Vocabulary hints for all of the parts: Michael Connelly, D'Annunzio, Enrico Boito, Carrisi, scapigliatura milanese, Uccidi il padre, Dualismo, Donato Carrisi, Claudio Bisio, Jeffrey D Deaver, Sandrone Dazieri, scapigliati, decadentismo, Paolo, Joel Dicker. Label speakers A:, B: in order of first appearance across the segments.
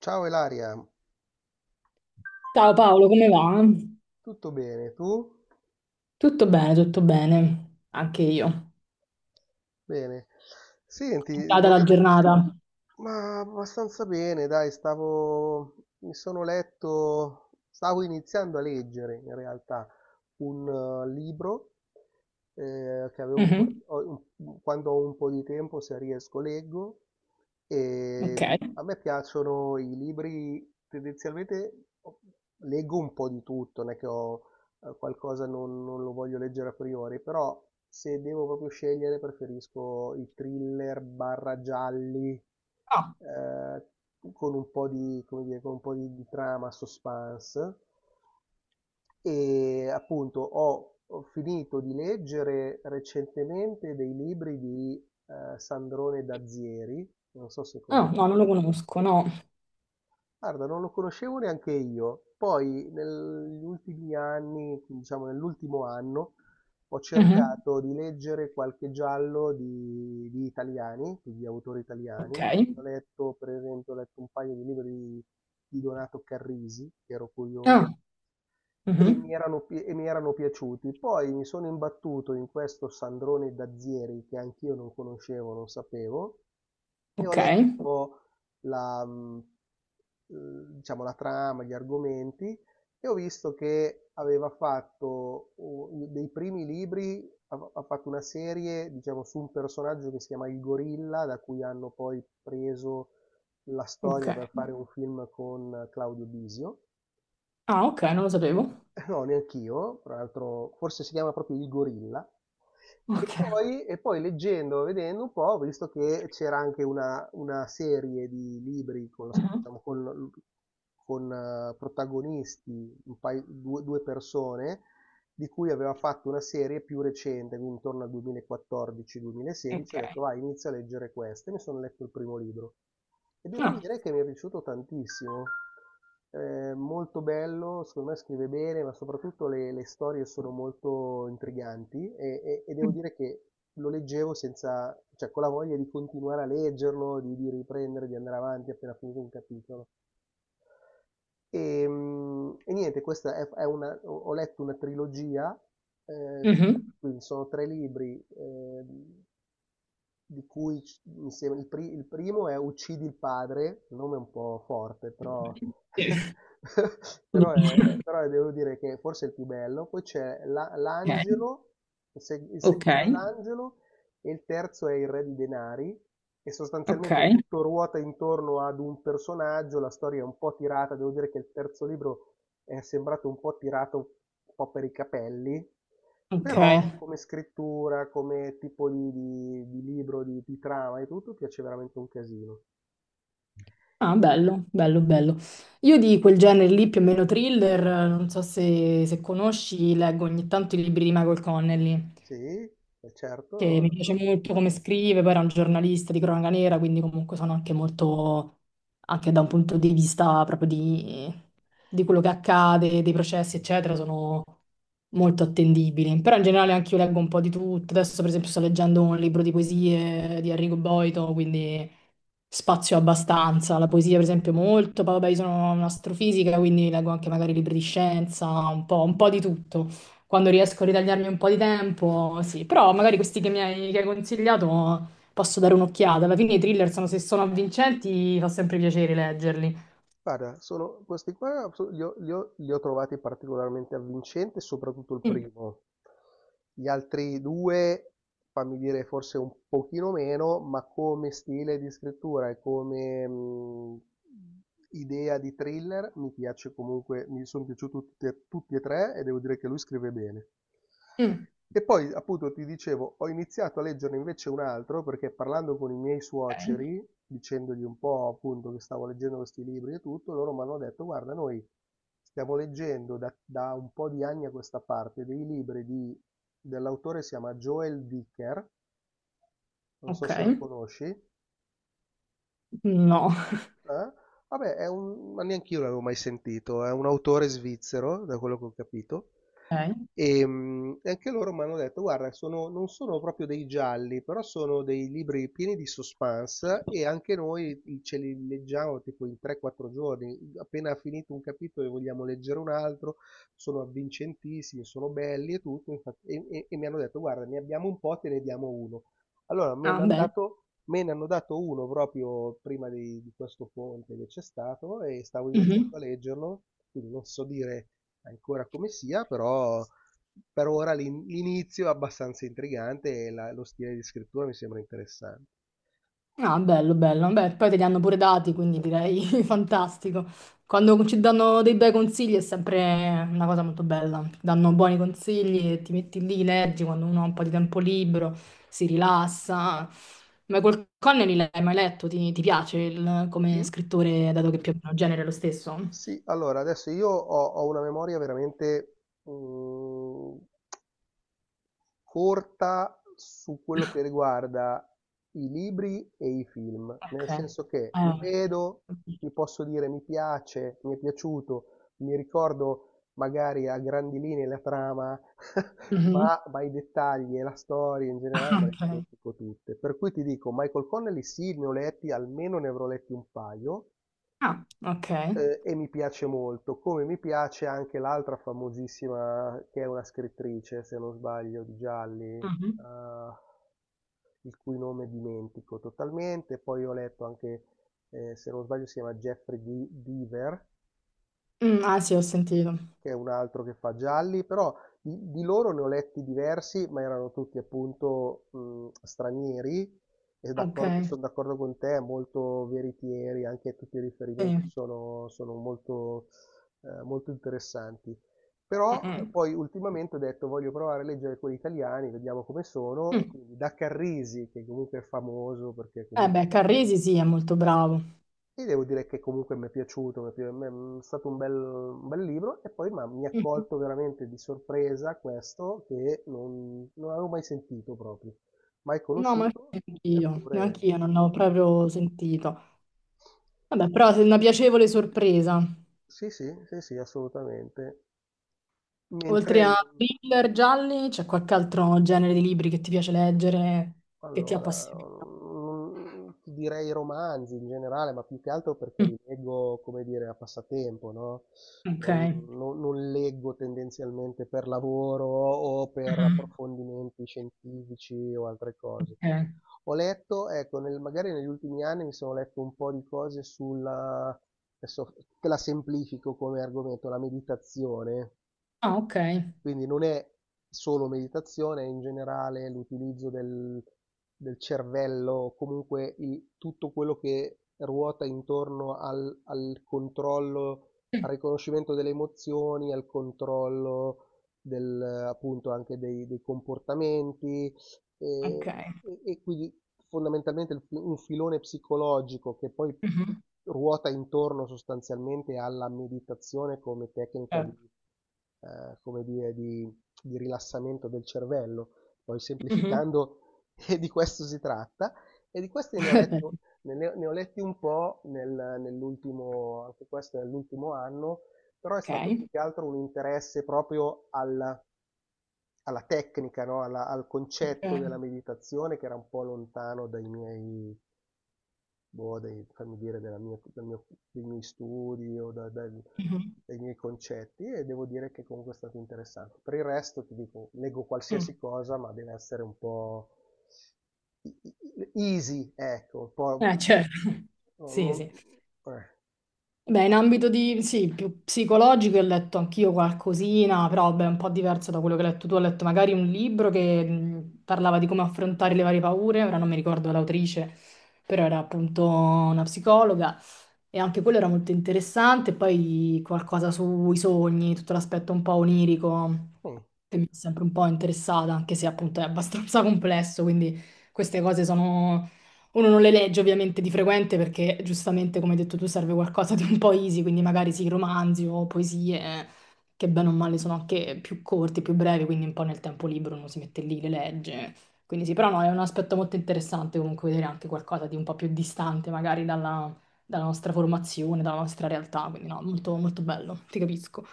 A: Ciao Elaria,
B: Ciao Paolo, come va?
A: tutto bene? Tu?
B: Tutto bene, tutto bene. Anche io.
A: Bene. Senti,
B: Data la
A: volevo.
B: giornata.
A: Ma abbastanza bene, dai, stavo. Mi sono letto. Stavo iniziando a leggere, in realtà, un libro che avevo un po'
B: Mhm.
A: di. Quando ho un po' di tempo, se riesco, leggo. E
B: Ok.
A: a me piacciono i libri, tendenzialmente leggo un po' di tutto, non è che ho qualcosa non lo voglio leggere a priori, però se devo proprio scegliere preferisco i thriller barra gialli
B: Ah,
A: eh, con un po' di, come dire, con un po' di trama, suspense. E appunto ho finito di leggere recentemente dei libri di Sandrone Dazieri, non so se
B: ah, no, non
A: conosci.
B: lo conosco, no.
A: Guarda, non lo conoscevo neanche io. Poi negli ultimi anni, diciamo nell'ultimo anno, ho
B: Mhm.
A: cercato di leggere qualche giallo di italiani, quindi di autori italiani.
B: Ok.
A: Quindi ho letto, per esempio, ho letto un paio di libri di Donato Carrisi, che ero curioso
B: Ah, mhm,
A: e mi erano piaciuti. Poi mi sono imbattuto in questo Sandrone Dazieri che anch'io non conoscevo, non sapevo, e ho
B: ok.
A: letto un po' la, mm, eh, diciamo, la trama, gli argomenti, e ho visto che aveva fatto dei primi libri, ha fatto una serie, diciamo, su un personaggio che si chiama Il Gorilla, da cui hanno poi preso la storia per
B: Ok.
A: fare un film con Claudio Bisio.
B: Ah, ok, non lo sapevo.
A: No, neanch'io, tra l'altro forse si chiama proprio Il Gorilla.
B: Ok.
A: E poi leggendo, vedendo un po', ho visto che c'era anche una serie di libri con,
B: Mhm.
A: diciamo, protagonisti, due persone, di cui aveva fatto una serie più recente, quindi intorno al
B: Ok.
A: 2014-2016, ho detto vai, inizio a leggere questa, e mi sono letto il primo libro. E devo
B: Ah.
A: dire che mi è piaciuto tantissimo. Molto bello, secondo me scrive bene, ma soprattutto le storie sono molto intriganti e, e devo dire che lo leggevo senza, cioè con la voglia di continuare a leggerlo, di riprendere, di andare avanti appena finito un capitolo. E, e niente, questa è una, ho ho letto una trilogia, eh,
B: Mhm.
A: quindi sono tre libri, di cui mi sembra il primo è Uccidi il padre, il nome è un po' forte, però, però,
B: Ok,
A: però devo dire che forse è il più bello. Poi c'è l'angelo, il, se- il
B: ok,
A: secondo è l'angelo, e il terzo è il re di denari e
B: ok,
A: sostanzialmente tutto ruota intorno ad un personaggio, la storia è un po' tirata, devo dire che il terzo libro è sembrato un po' tirato un po' per i capelli,
B: ok.
A: però come scrittura, come tipo di, di libro, di trama e tutto, piace veramente un casino.
B: Ah, bello, bello, bello. Io di quel genere lì, più o meno thriller, non so se, se conosci, leggo ogni tanto i libri di Michael Connelly,
A: Sì,
B: che
A: certo.
B: mi piace molto come scrive, poi era un giornalista di cronaca nera, quindi comunque sono anche molto, anche da un punto di vista proprio di quello che accade, dei processi, eccetera, sono molto attendibili. Però in generale anche io leggo un po' di tutto. Adesso, per esempio, sto leggendo un libro di poesie di Enrico Boito, quindi spazio abbastanza, la poesia per esempio molto, poi vabbè io sono un'astrofisica quindi leggo anche magari libri di scienza, un po' di tutto, quando riesco a ritagliarmi un po' di tempo, sì, però magari questi che mi hai, che hai consigliato posso dare un'occhiata, alla fine i thriller sono, se sono avvincenti fa sempre piacere leggerli.
A: Guarda, sono questi qua li ho trovati particolarmente avvincenti, soprattutto il
B: Mm,
A: primo. Gli altri due, fammi dire, forse un pochino meno, ma come stile di scrittura e come idea di thriller mi piace comunque, mi sono piaciuti tutti e, tutti e tre e devo dire che lui scrive bene.
B: mm,
A: E poi, appunto, ti dicevo, ho iniziato a leggerne invece un altro perché parlando con i miei
B: ok,
A: suoceri, dicendogli un po' appunto che stavo leggendo questi libri e tutto, loro mi hanno detto, guarda, noi stiamo leggendo da un po' di anni a questa parte dei libri dell'autore si chiama Joel Dicker, non so
B: ok,
A: se lo conosci.
B: no,
A: Ah? Vabbè, è un ma neanch'io l'avevo mai sentito, è un autore svizzero, da quello che ho capito,
B: ok,
A: e anche loro mi hanno detto, guarda, non sono proprio dei gialli, però sono dei libri pieni di suspense e anche noi ce li leggiamo tipo in 3-4 giorni, appena finito un capitolo e vogliamo leggere un altro, sono avvincentissimi, sono belli e tutto, e mi hanno detto, guarda, ne abbiamo un po', te ne diamo uno. Allora, mi
B: ah
A: hanno dato Me ne hanno dato uno proprio prima di questo ponte che c'è stato e stavo
B: bene.
A: iniziando a leggerlo, quindi non so dire ancora come sia, però per ora l'inizio è abbastanza intrigante e lo stile di scrittura mi sembra interessante.
B: Ah, bello, bello. Beh, poi te li hanno pure dati, quindi direi fantastico. Quando ci danno dei bei consigli è sempre una cosa molto bella. Ti danno buoni consigli e ti metti lì, leggi quando uno ha un po' di tempo libero, si rilassa. Ma col Connelly l'hai mai letto? Ti piace il- come
A: Sì,
B: scrittore, dato che più o meno il genere è lo stesso?
A: sì, allora adesso io ho una memoria veramente mm, corta su quello che riguarda i libri e i film, nel
B: Ok.
A: senso che li vedo, vi posso dire mi piace, mi è piaciuto, mi ricordo magari a grandi linee la trama,
B: Mhm.
A: ma i dettagli e la storia in generale me le
B: Ok.
A: dimentico tutte. Per cui ti dico, Michael Connelly sì, ne ho letti, almeno ne avrò letti un paio,
B: Ah, ok.
A: e mi piace molto, come mi piace anche l'altra famosissima che è una scrittrice, se non sbaglio, di gialli,
B: Mhm.
A: il cui nome dimentico totalmente. Poi ho letto anche, se non sbaglio, si chiama Jeffrey Deaver,
B: Mm, ah sì, ho sentito.
A: che è un altro che fa gialli, però di loro ne ho letti diversi, ma erano tutti appunto stranieri e
B: Ok.
A: sono d'accordo con te, molto veritieri, anche tutti i riferimenti
B: Sì.
A: sono molto, molto interessanti. Però
B: Mm-mm.
A: poi ultimamente ho detto voglio provare a leggere quelli italiani, vediamo come sono, e
B: Mm.
A: quindi da Carrisi, che comunque è famoso perché
B: Eh
A: comunque
B: beh, Carrisi sì, è molto
A: eh,
B: bravo.
A: ti devo dire che comunque m'è piaciuto, m'è stato un bel libro e poi m'ha mi ha
B: Mm.
A: colto veramente di sorpresa questo che non avevo mai sentito proprio, mai
B: No, ma
A: conosciuto,
B: neanch'io,
A: eppure
B: neanch'io non l'ho proprio sentito. Vabbè, però è una piacevole sorpresa.
A: sì, sì, sì, sì, assolutamente. Mentre
B: Oltre a
A: non.
B: thriller gialli, c'è qualche altro genere di libri che ti piace leggere, che ti
A: Allora,
B: appassiona?
A: ti direi romanzi in generale, ma più che altro perché
B: Mm.
A: li leggo, come dire, a passatempo, no,
B: Ok.
A: non leggo tendenzialmente per lavoro o per
B: Mhm.
A: approfondimenti scientifici o altre cose.
B: Ok.
A: Ho letto, ecco, nel magari negli ultimi anni mi sono letto un po' di cose sulla adesso te la semplifico come argomento, la meditazione.
B: Ah, ok.
A: Quindi non è solo meditazione, è in generale l'utilizzo del cervello, comunque tutto quello che ruota intorno al controllo,
B: Sì.
A: al riconoscimento delle emozioni, al controllo del, appunto anche dei comportamenti,
B: Ok.
A: e, e quindi fondamentalmente un filone psicologico che poi tu-
B: Mhm.
A: ruota intorno sostanzialmente alla meditazione come tecnica di,
B: Certo.
A: come dire, di rilassamento del cervello. Poi
B: Mhm.
A: semplificando, e di questo si tratta. E di questi ne ho letto, ne ho letti un po' nell'ultimo, anche questo nell'ultimo anno, però è stato
B: Ok.
A: più che altro un interesse proprio al alla tecnica, no? Al concetto
B: Ok.
A: della meditazione che era un po' lontano dai miei, boh, fammi dire, della dal dei miei studi o
B: Mhm,
A: dai miei concetti e devo dire che comunque è stato interessante. Per il resto ti dico, leggo
B: mm.
A: qualsiasi cosa, ma deve essere un po' easy, ecco, un po'.
B: Certo.
A: no,
B: Sì,
A: non-
B: sì.
A: eh,
B: Beh, in ambito di, sì, più psicologico ho letto anch'io qualcosina, però beh, un po' diverso da quello che hai letto tu. Ho letto magari un libro che parlava di come affrontare le varie paure, ora non mi ricordo l'autrice, però era appunto una psicologa e anche quello era molto interessante. Poi qualcosa sui sogni, tutto l'aspetto un po' onirico
A: mm.
B: che mi è sempre un po' interessata, anche se appunto è abbastanza complesso, quindi queste cose sono uno non le legge ovviamente di frequente perché giustamente, come hai detto tu, serve qualcosa di un po' easy, quindi magari sì, romanzi o poesie che bene o male sono anche più corti, più brevi, quindi un po' nel tempo libero uno si mette lì, le legge. Quindi sì, però no, è un aspetto molto interessante comunque vedere anche qualcosa di un po' più distante magari dalla, dalla nostra formazione, dalla nostra realtà, quindi no, molto, molto bello, ti capisco.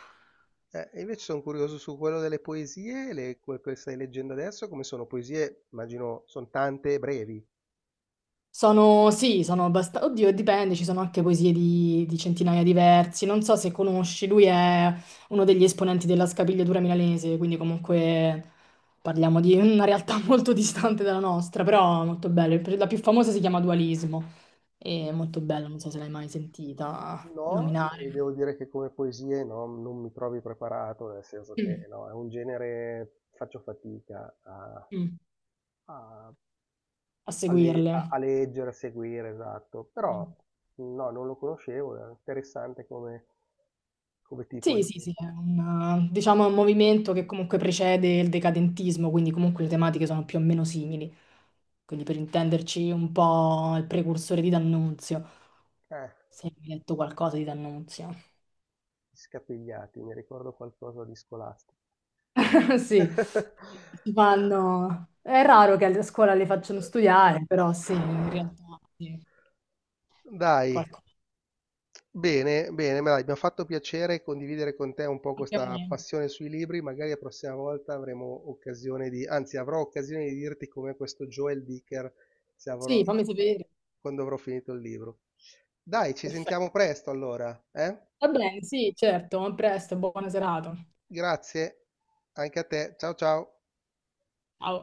A: E invece sono curioso su quello delle poesie, le, quelle che stai leggendo adesso, come sono poesie, immagino, sono tante e brevi.
B: Sono, sì, sono abbastanza... Oddio, dipende, ci sono anche poesie di centinaia di versi. Non so se conosci, lui è uno degli esponenti della scapigliatura milanese, quindi comunque parliamo di una realtà molto distante dalla nostra, però molto bello. La più famosa si chiama Dualismo, è molto bella, non so se l'hai mai sentita
A: No, e
B: nominare.
A: devo dire che come poesie no, non mi trovi preparato, nel senso che
B: Mm,
A: no, è un genere, faccio fatica a,
B: mm,
A: a-
B: a seguirle.
A: a leggere, a seguire, esatto. Però no, non lo conoscevo, è interessante come, come tipo
B: Sì,
A: di.
B: sì, sì, è un, diciamo, un movimento che comunque precede il decadentismo, quindi comunque le tematiche sono più o meno simili. Quindi per intenderci un po' il precursore di D'Annunzio,
A: Eh,
B: se hai letto qualcosa di D'Annunzio.
A: scapigliati, mi ricordo qualcosa di scolastico.
B: Sì, si fanno... È raro che a scuola le facciano studiare, però sì, in realtà sì,
A: Dai,
B: qualcosa.
A: bene, bene, ma dai, mi ha fatto piacere condividere con te un po'
B: Anche a
A: questa
B: me.
A: passione sui libri, magari la prossima volta avremo occasione di, anzi avrò occasione di dirti come questo Joel Dicker, se avrò,
B: Sì, fammi sapere.
A: quando avrò finito il libro. Dai, ci sentiamo
B: Perfetto.
A: presto allora, eh?
B: Va bene, sì, certo, a presto, buona serata.
A: Grazie, anche a te, ciao ciao.
B: Ciao.